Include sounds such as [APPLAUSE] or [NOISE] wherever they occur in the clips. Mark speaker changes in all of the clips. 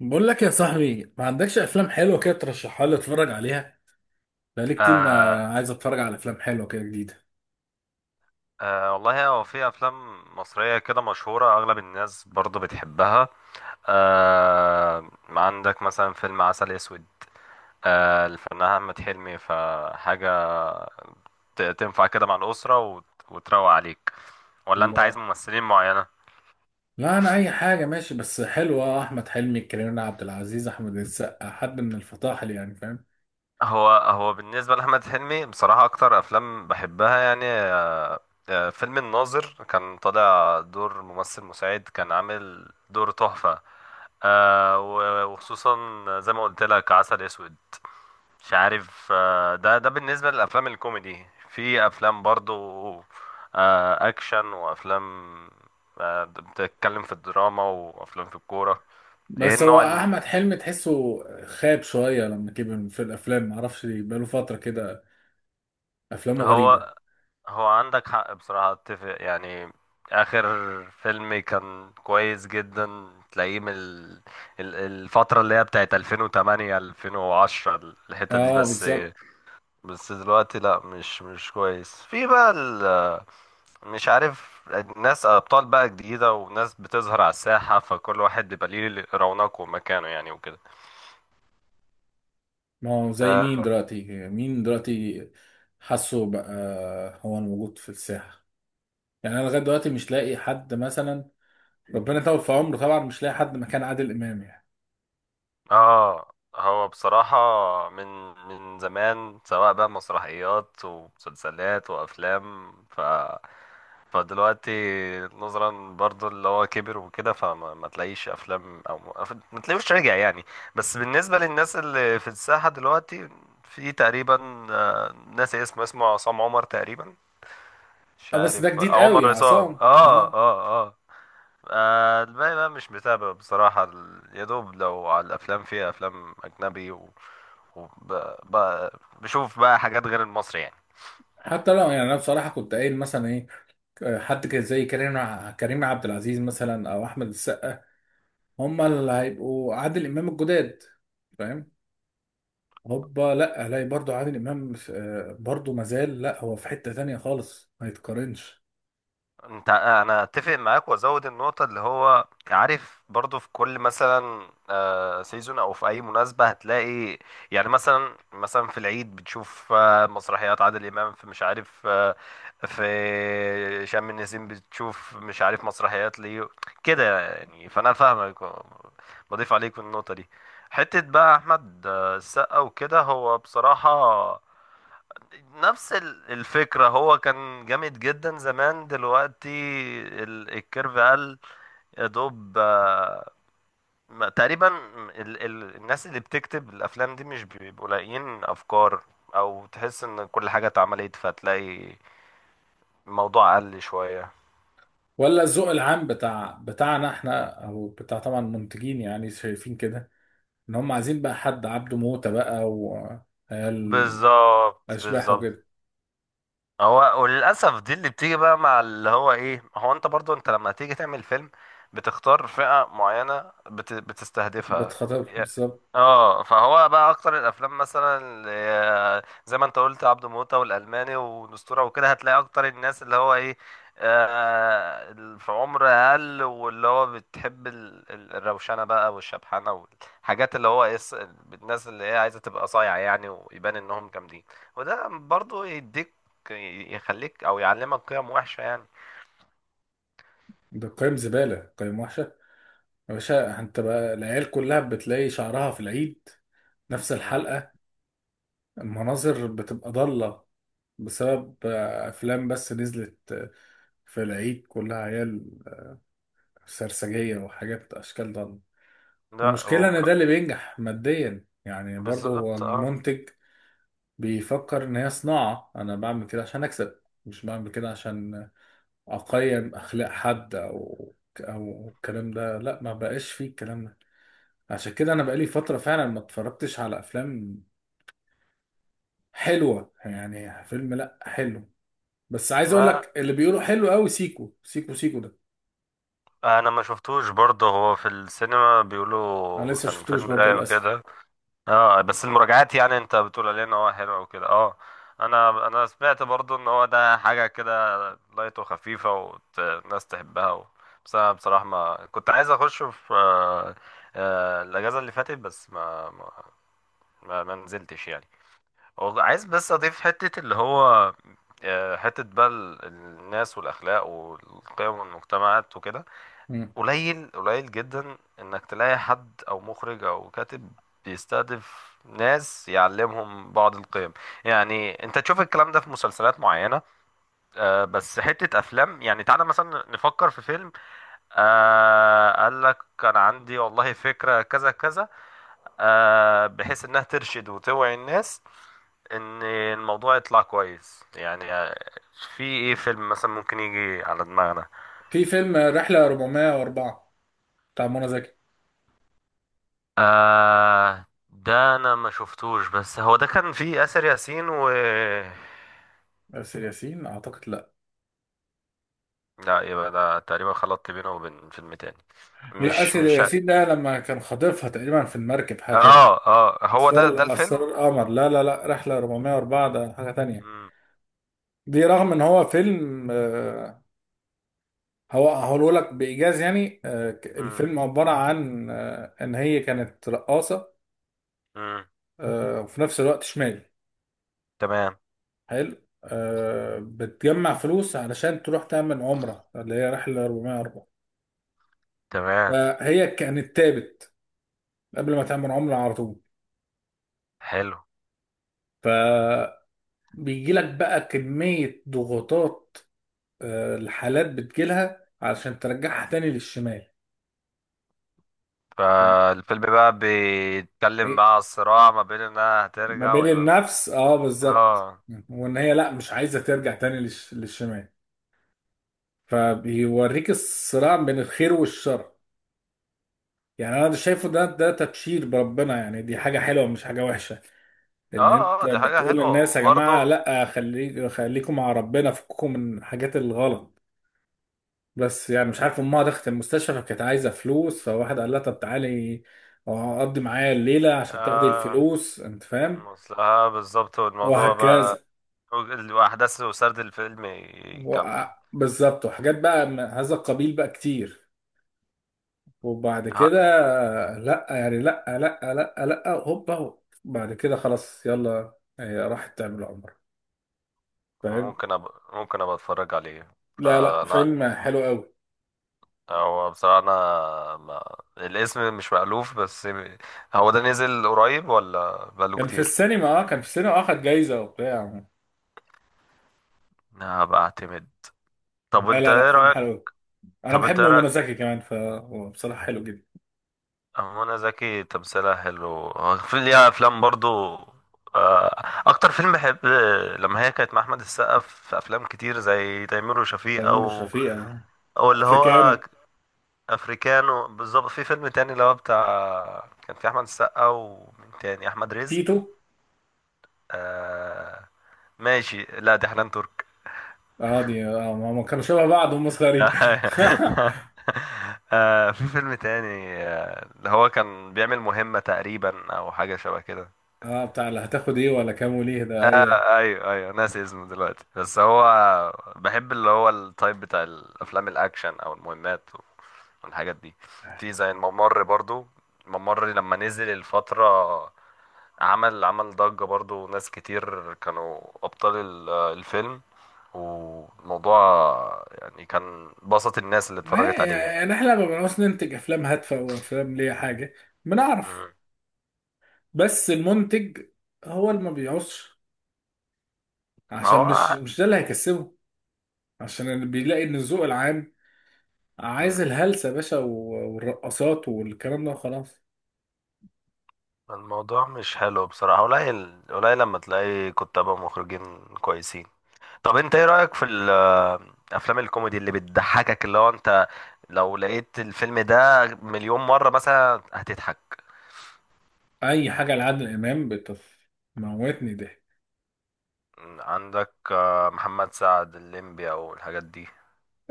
Speaker 1: بقول لك يا صاحبي، ما عندكش افلام حلوه كده ترشحها لي اتفرج عليها؟ بقالي كتير
Speaker 2: آه،
Speaker 1: ما عايز اتفرج على افلام حلوه كده جديده.
Speaker 2: آه، والله هو في افلام مصريه كده مشهوره، اغلب الناس برضو بتحبها. آه، عندك مثلا فيلم عسل اسود. آه، الفنان احمد حلمي فحاجه. تنفع كده مع الاسره وتروق عليك، ولا انت عايز
Speaker 1: الله.
Speaker 2: ممثلين معينه؟
Speaker 1: لا، انا اي حاجه ماشي بس حلوه. احمد حلمي، كريم عبد العزيز، احمد السقا، حد من الفطاحل يعني، فاهم؟
Speaker 2: هو بالنسبة لأحمد حلمي، بصراحة أكتر أفلام بحبها يعني فيلم الناظر، كان طالع دور ممثل مساعد، كان عامل دور تحفة. وخصوصا زي ما قلت لك عسل أسود. مش عارف. ده بالنسبة للأفلام الكوميدي، في أفلام برضو أكشن، وأفلام بتتكلم في الدراما، وأفلام في الكورة. إيه
Speaker 1: بس هو
Speaker 2: النوع
Speaker 1: احمد حلمي تحسه خاب شويه لما كبر في الافلام، ما اعرفش ليه، بقاله فتره كده. افلامه غريبه.
Speaker 2: هو هو عندك حق، بصراحة اتفق يعني. آخر فيلم كان كويس جدا تلاقيه من الفترة اللي هي بتاعت 2008 2010، الحتة دي.
Speaker 1: اه
Speaker 2: بس إيه،
Speaker 1: بالظبط.
Speaker 2: بس دلوقتي لا، مش كويس، في بقى مش عارف، ناس أبطال بقى جديدة، وناس بتظهر على الساحة، فكل واحد بيبقى ليه رونقه ومكانه يعني وكده.
Speaker 1: ما هو زي
Speaker 2: آه،
Speaker 1: مين دلوقتي؟ مين دلوقتي؟ حاسه بقى. هو الموجود في الساحه. يعني انا لغايه دلوقتي مش لاقي حد مثلا. ربنا يطول في عمره طبعا، مش لاقي حد مكان عادل امام يعني.
Speaker 2: اه هو بصراحة من زمان، سواء بقى مسرحيات ومسلسلات وأفلام، فدلوقتي، نظرا برضو اللي هو كبر وكده، فما ما تلاقيش أفلام أو ما تلاقيوش رجع يعني. بس بالنسبة للناس اللي في الساحة دلوقتي، في تقريبا ناسي اسمه، عصام عمر تقريبا، مش
Speaker 1: اه بس ده
Speaker 2: عارف
Speaker 1: جديد قوي
Speaker 2: عمر
Speaker 1: يا
Speaker 2: عصام.
Speaker 1: عصام
Speaker 2: اه،
Speaker 1: اه.
Speaker 2: اه، آه. الباقي بقى مش متابع بصراحة. يا دوب لو على الأفلام، فيها أفلام أجنبي وب... ب... بشوف بقى حاجات غير المصري يعني.
Speaker 1: حتى لو، يعني انا بصراحه كنت قايل مثلا ايه، حد كده زي كريم كريم عبد العزيز مثلا او احمد السقا. هم اللي هيبقوا عادل امام الجداد، فاهم؟ هوبا، لا الاقي برضو عادل امام برضو مازال، لا هو في حته تانية خالص ما يتقارنش.
Speaker 2: انا اتفق معاك وازود النقطه، اللي هو عارف، برضو في كل مثلا سيزون او في اي مناسبه هتلاقي، يعني مثلا في العيد بتشوف مسرحيات عادل امام، في مش عارف في شم النسيم بتشوف مش عارف مسرحيات ليه كده يعني. فانا فاهمك، بضيف عليك في النقطه دي. حته بقى احمد السقا وكده، هو بصراحه نفس الفكرة، هو كان جامد جدا زمان، دلوقتي الكيرف قال، يا دوب تقريبا ال ال الناس اللي بتكتب الأفلام دي مش بيبقوا لاقيين أفكار، أو تحس إن كل حاجة اتعملت، فتلاقي الموضوع قل شوية.
Speaker 1: ولا الذوق العام بتاعنا احنا او بتاع طبعا المنتجين يعني شايفين كده ان هم عايزين بقى حد عبده موته بقى، و
Speaker 2: بالظبط،
Speaker 1: اشباح
Speaker 2: بالظبط.
Speaker 1: وكده.
Speaker 2: هو وللاسف دي اللي بتيجي بقى، مع اللي هو ايه، هو انت برضو، انت لما تيجي تعمل فيلم، بتختار فئة معينة بتستهدفها.
Speaker 1: بتخاطر
Speaker 2: يا-
Speaker 1: بالظبط.
Speaker 2: اه، فهو بقى اكتر الافلام مثلا زي ما انت قلت عبده موتة والالماني والاسطوره وكده، هتلاقي اكتر الناس اللي هو ايه، في عمر اقل، واللي هو بتحب الروشنه بقى والشبحنه، والحاجات اللي هو إيه، الناس اللي هي عايزه تبقى صايعه يعني، ويبان انهم جامدين. وده برضو يديك، يخليك او يعلمك قيم وحشه يعني.
Speaker 1: ده قيم زباله، قيم وحشه. يا باشا، انت بقى العيال كلها بتلاقي شعرها في العيد نفس
Speaker 2: مم.
Speaker 1: الحلقه. المناظر بتبقى ضاله بسبب افلام بس نزلت، في العيد كلها عيال سرسجيه وحاجات اشكال ضاله.
Speaker 2: لا،
Speaker 1: والمشكله ان ده اللي بينجح ماديا يعني، برضه هو
Speaker 2: بالظبط، اه.
Speaker 1: المنتج بيفكر ان هي صناعه. انا بعمل كده عشان اكسب، مش بعمل كده عشان اقيم اخلاق حد، او او الكلام ده. لا ما بقاش فيه الكلام ده. عشان كده انا بقالي فتره فعلا ما اتفرجتش على افلام حلوه. يعني فيلم لا حلو، بس عايز اقول
Speaker 2: ما
Speaker 1: لك اللي بيقولوا حلو قوي، سيكو سيكو سيكو ده
Speaker 2: انا ما شفتوش برضه، هو في السينما
Speaker 1: انا
Speaker 2: بيقولوا
Speaker 1: لسه
Speaker 2: كان
Speaker 1: شفتوش
Speaker 2: فيلم
Speaker 1: برضو
Speaker 2: رايق
Speaker 1: للاسف.
Speaker 2: وكده. اه، بس المراجعات يعني، انت بتقول عليه ان هو حلو وكده، اه. انا سمعت برضه ان هو ده حاجه كده، لايت وخفيفه، والناس تحبها بس انا بصراحه، ما كنت عايز اخش في الاجازه اللي فاتت، بس ما نزلتش يعني. والله عايز بس اضيف حتة، اللي هو حتة بقى الناس والاخلاق والقيم والمجتمعات وكده.
Speaker 1: مم.
Speaker 2: قليل، قليل جدا انك تلاقي حد او مخرج او كاتب بيستهدف ناس، يعلمهم بعض القيم. يعني انت تشوف الكلام ده في مسلسلات معينة، بس حتة افلام يعني، تعالى مثلا نفكر في فيلم قال لك كان عندي والله فكرة كذا كذا، بحيث انها ترشد وتوعي الناس، ان الموضوع يطلع كويس يعني. في ايه فيلم مثلا ممكن يجي على دماغنا؟
Speaker 1: في فيلم رحله 404 بتاع منى زكي.
Speaker 2: ده انا ما شفتوش، بس هو ده كان فيه آسر ياسين و
Speaker 1: آسر ياسين اعتقد، لا.
Speaker 2: لا، يبقى ده تقريبا خلطت بينه وبين فيلم تاني.
Speaker 1: لا،
Speaker 2: مش
Speaker 1: آسر
Speaker 2: مش
Speaker 1: ياسين ده لما كان خاطفها تقريبا في المركب، حاجه كده.
Speaker 2: اه، اه، هو ده
Speaker 1: اسرار
Speaker 2: الفيلم.
Speaker 1: اسرار القمر، لا لا لا، رحله 404 ده حاجه تانية.
Speaker 2: مم.
Speaker 1: دي رغم ان هو فيلم، هو هقوله لك بايجاز يعني،
Speaker 2: مم.
Speaker 1: الفيلم عباره عن، ان هي كانت رقاصه،
Speaker 2: مم.
Speaker 1: وفي نفس الوقت شمال.
Speaker 2: تمام،
Speaker 1: حلو. بتجمع فلوس علشان تروح تعمل عمره، اللي هي رحله 404.
Speaker 2: تمام.
Speaker 1: فهي كانت تابت قبل ما تعمل عمره على طول.
Speaker 2: حلو.
Speaker 1: فبيجي لك بقى كميه ضغوطات، الحالات بتجيلها علشان ترجعها تاني للشمال. يعني
Speaker 2: فالفيلم بقى بيتكلم
Speaker 1: إيه؟
Speaker 2: بقى على الصراع ما بين انها
Speaker 1: ما
Speaker 2: هترجع،
Speaker 1: بين
Speaker 2: ويبقى
Speaker 1: النفس، اه بالظبط.
Speaker 2: اه،
Speaker 1: وان هي لا، مش عايزه ترجع تاني للشمال. فبيوريك الصراع بين الخير والشر. يعني انا ده شايفه ده تبشير بربنا يعني، دي حاجه حلوه مش حاجه وحشه. ان
Speaker 2: اه،
Speaker 1: انت
Speaker 2: اه، دي حاجة
Speaker 1: بتقول
Speaker 2: حلوة
Speaker 1: للناس يا جماعه،
Speaker 2: وبرضه.
Speaker 1: لا خليك خليكم مع ربنا، فككم من الحاجات الغلط. بس يعني مش عارف، امها دخلت المستشفى فكانت عايزه فلوس، فواحد قال لها طب تعالي اقضي معايا الليله عشان تاخدي
Speaker 2: اه،
Speaker 1: الفلوس، انت فاهم.
Speaker 2: بالظبط، والموضوع
Speaker 1: وهكذا.
Speaker 2: بقى، واحداث وسرد الفيلم
Speaker 1: و-
Speaker 2: يكمل.
Speaker 1: بالظبط، وحاجات بقى من هذا القبيل بقى كتير. وبعد كده،
Speaker 2: ها،
Speaker 1: لا يعني لا لا لا لا، هوبا هوب. بعد كده خلاص يلا، هي راحت تعمل عمرة، فاهم.
Speaker 2: ممكن أب... ممكن ابقى اتفرج عليه.
Speaker 1: لا لا،
Speaker 2: فانا
Speaker 1: فيلم حلو قوي.
Speaker 2: هو بصراحة، انا ما... الاسم مش مألوف بس، هو ده نزل قريب ولا بقاله
Speaker 1: كان في
Speaker 2: كتير؟
Speaker 1: السينما، اه كان في السينما آه، خد جايزة وبتاع.
Speaker 2: هبقى اعتمد. طب
Speaker 1: لا
Speaker 2: انت
Speaker 1: لا لا،
Speaker 2: ايه
Speaker 1: فيلم
Speaker 2: رأيك؟
Speaker 1: حلو قوي. انا
Speaker 2: طب
Speaker 1: بحب
Speaker 2: انت ايه
Speaker 1: منى
Speaker 2: رأيك؟
Speaker 1: زكي كمان، فهو بصراحة حلو جدا.
Speaker 2: منى زكي تمثيلها حلو، في ليها افلام برضو. اكتر فيلم بحب لما هي كانت مع احمد السقا في افلام كتير، زي تيمور وشفيق،
Speaker 1: تيمور
Speaker 2: او
Speaker 1: وشفيقة آه.
Speaker 2: او اللي هو
Speaker 1: افريكانو.
Speaker 2: افريكانو. بالظبط. في فيلم تاني اللي هو بتاع، كان في احمد السقا ومين تاني، احمد رزق؟
Speaker 1: تيتو.
Speaker 2: آه. ماشي، لا دي حنان ترك.
Speaker 1: اه دي اه، ما كانوا شبه بعض هم صغيرين
Speaker 2: [LAUGHS]
Speaker 1: [LAUGHS]
Speaker 2: في فيلم تاني، اللي هو كان بيعمل مهمة تقريبا او حاجة شبه كده.
Speaker 1: اه بتاع اللي هتاخد ايه ولا كام وليه ده، ايوه.
Speaker 2: ايوه، ايوه، ناسي اسمه دلوقتي، بس هو بحب اللي هو التايب بتاع الافلام الاكشن او المهمات والحاجات دي. في زي الممر برضو، الممر لما نزل الفترة، عمل ضجة، برضو ناس كتير كانوا ابطال الفيلم، والموضوع يعني كان بسط الناس اللي اتفرجت عليه يعني.
Speaker 1: يعني احنا ما بنعرفش ننتج افلام هادفه او افلام ليها حاجه. بنعرف،
Speaker 2: مم.
Speaker 1: بس المنتج هو اللي ما بيعوزش عشان مش
Speaker 2: هو.
Speaker 1: مش ده اللي هيكسبه. عشان اللي بيلاقي ان الذوق العام
Speaker 2: مم.
Speaker 1: عايز الهلسه يا باشا، و- والرقصات والكلام ده وخلاص.
Speaker 2: الموضوع مش حلو بصراحة، قليل، قليل لما تلاقي كتاب ومخرجين كويسين. طب انت ايه رأيك في افلام الكوميدي اللي بتضحكك، اللي هو انت لو لقيت الفيلم ده مليون مرة مثلا هتضحك؟
Speaker 1: اي حاجه لعادل امام بتموتني ضحك.
Speaker 2: عندك محمد سعد، الليمبي او الحاجات دي.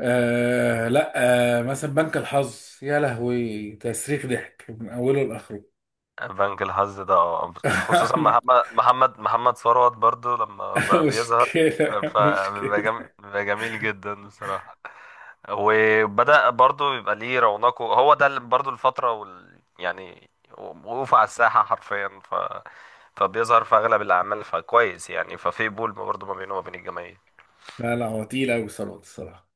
Speaker 1: آه لا. آه مثلا بنك الحظ، يا لهوي، تسريخ ضحك من اوله لاخره
Speaker 2: بنك الحظ ده، اه، خصوصا محمد
Speaker 1: [LAUGHS]
Speaker 2: محمد محمد ثروت برضو لما بقى بيظهر،
Speaker 1: مشكله مشكله.
Speaker 2: بيبقى جميل جدا بصراحة. وبدأ برضو يبقى ليه رونقه، هو ده اللي برضو الفترة يعني وقوف على الساحة حرفيا، فبيظهر في اغلب الاعمال، فكويس يعني، ففي بول برضه ما بينه وما بين الجماهير.
Speaker 1: لا لا، هو تقيل قوي الصراحه الصراحة.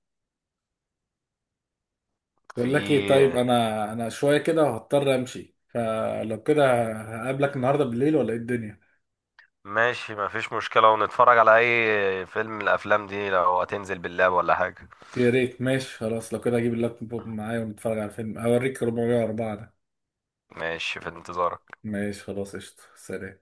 Speaker 1: بقول لك ايه، طيب
Speaker 2: في
Speaker 1: انا شويه كده هضطر امشي، فلو كده هقابلك النهارده بالليل ولا ايه الدنيا؟
Speaker 2: ماشي، ما فيش مشكلة، ونتفرج على اي فيلم من الافلام دي لو هتنزل باللاب ولا حاجة.
Speaker 1: يا ريت، ماشي خلاص، لو كده اجيب اللابتوب معايا ونتفرج على فيلم اوريك 404 ده.
Speaker 2: ماشي، في انتظارك.
Speaker 1: ماشي خلاص قشطه سلام.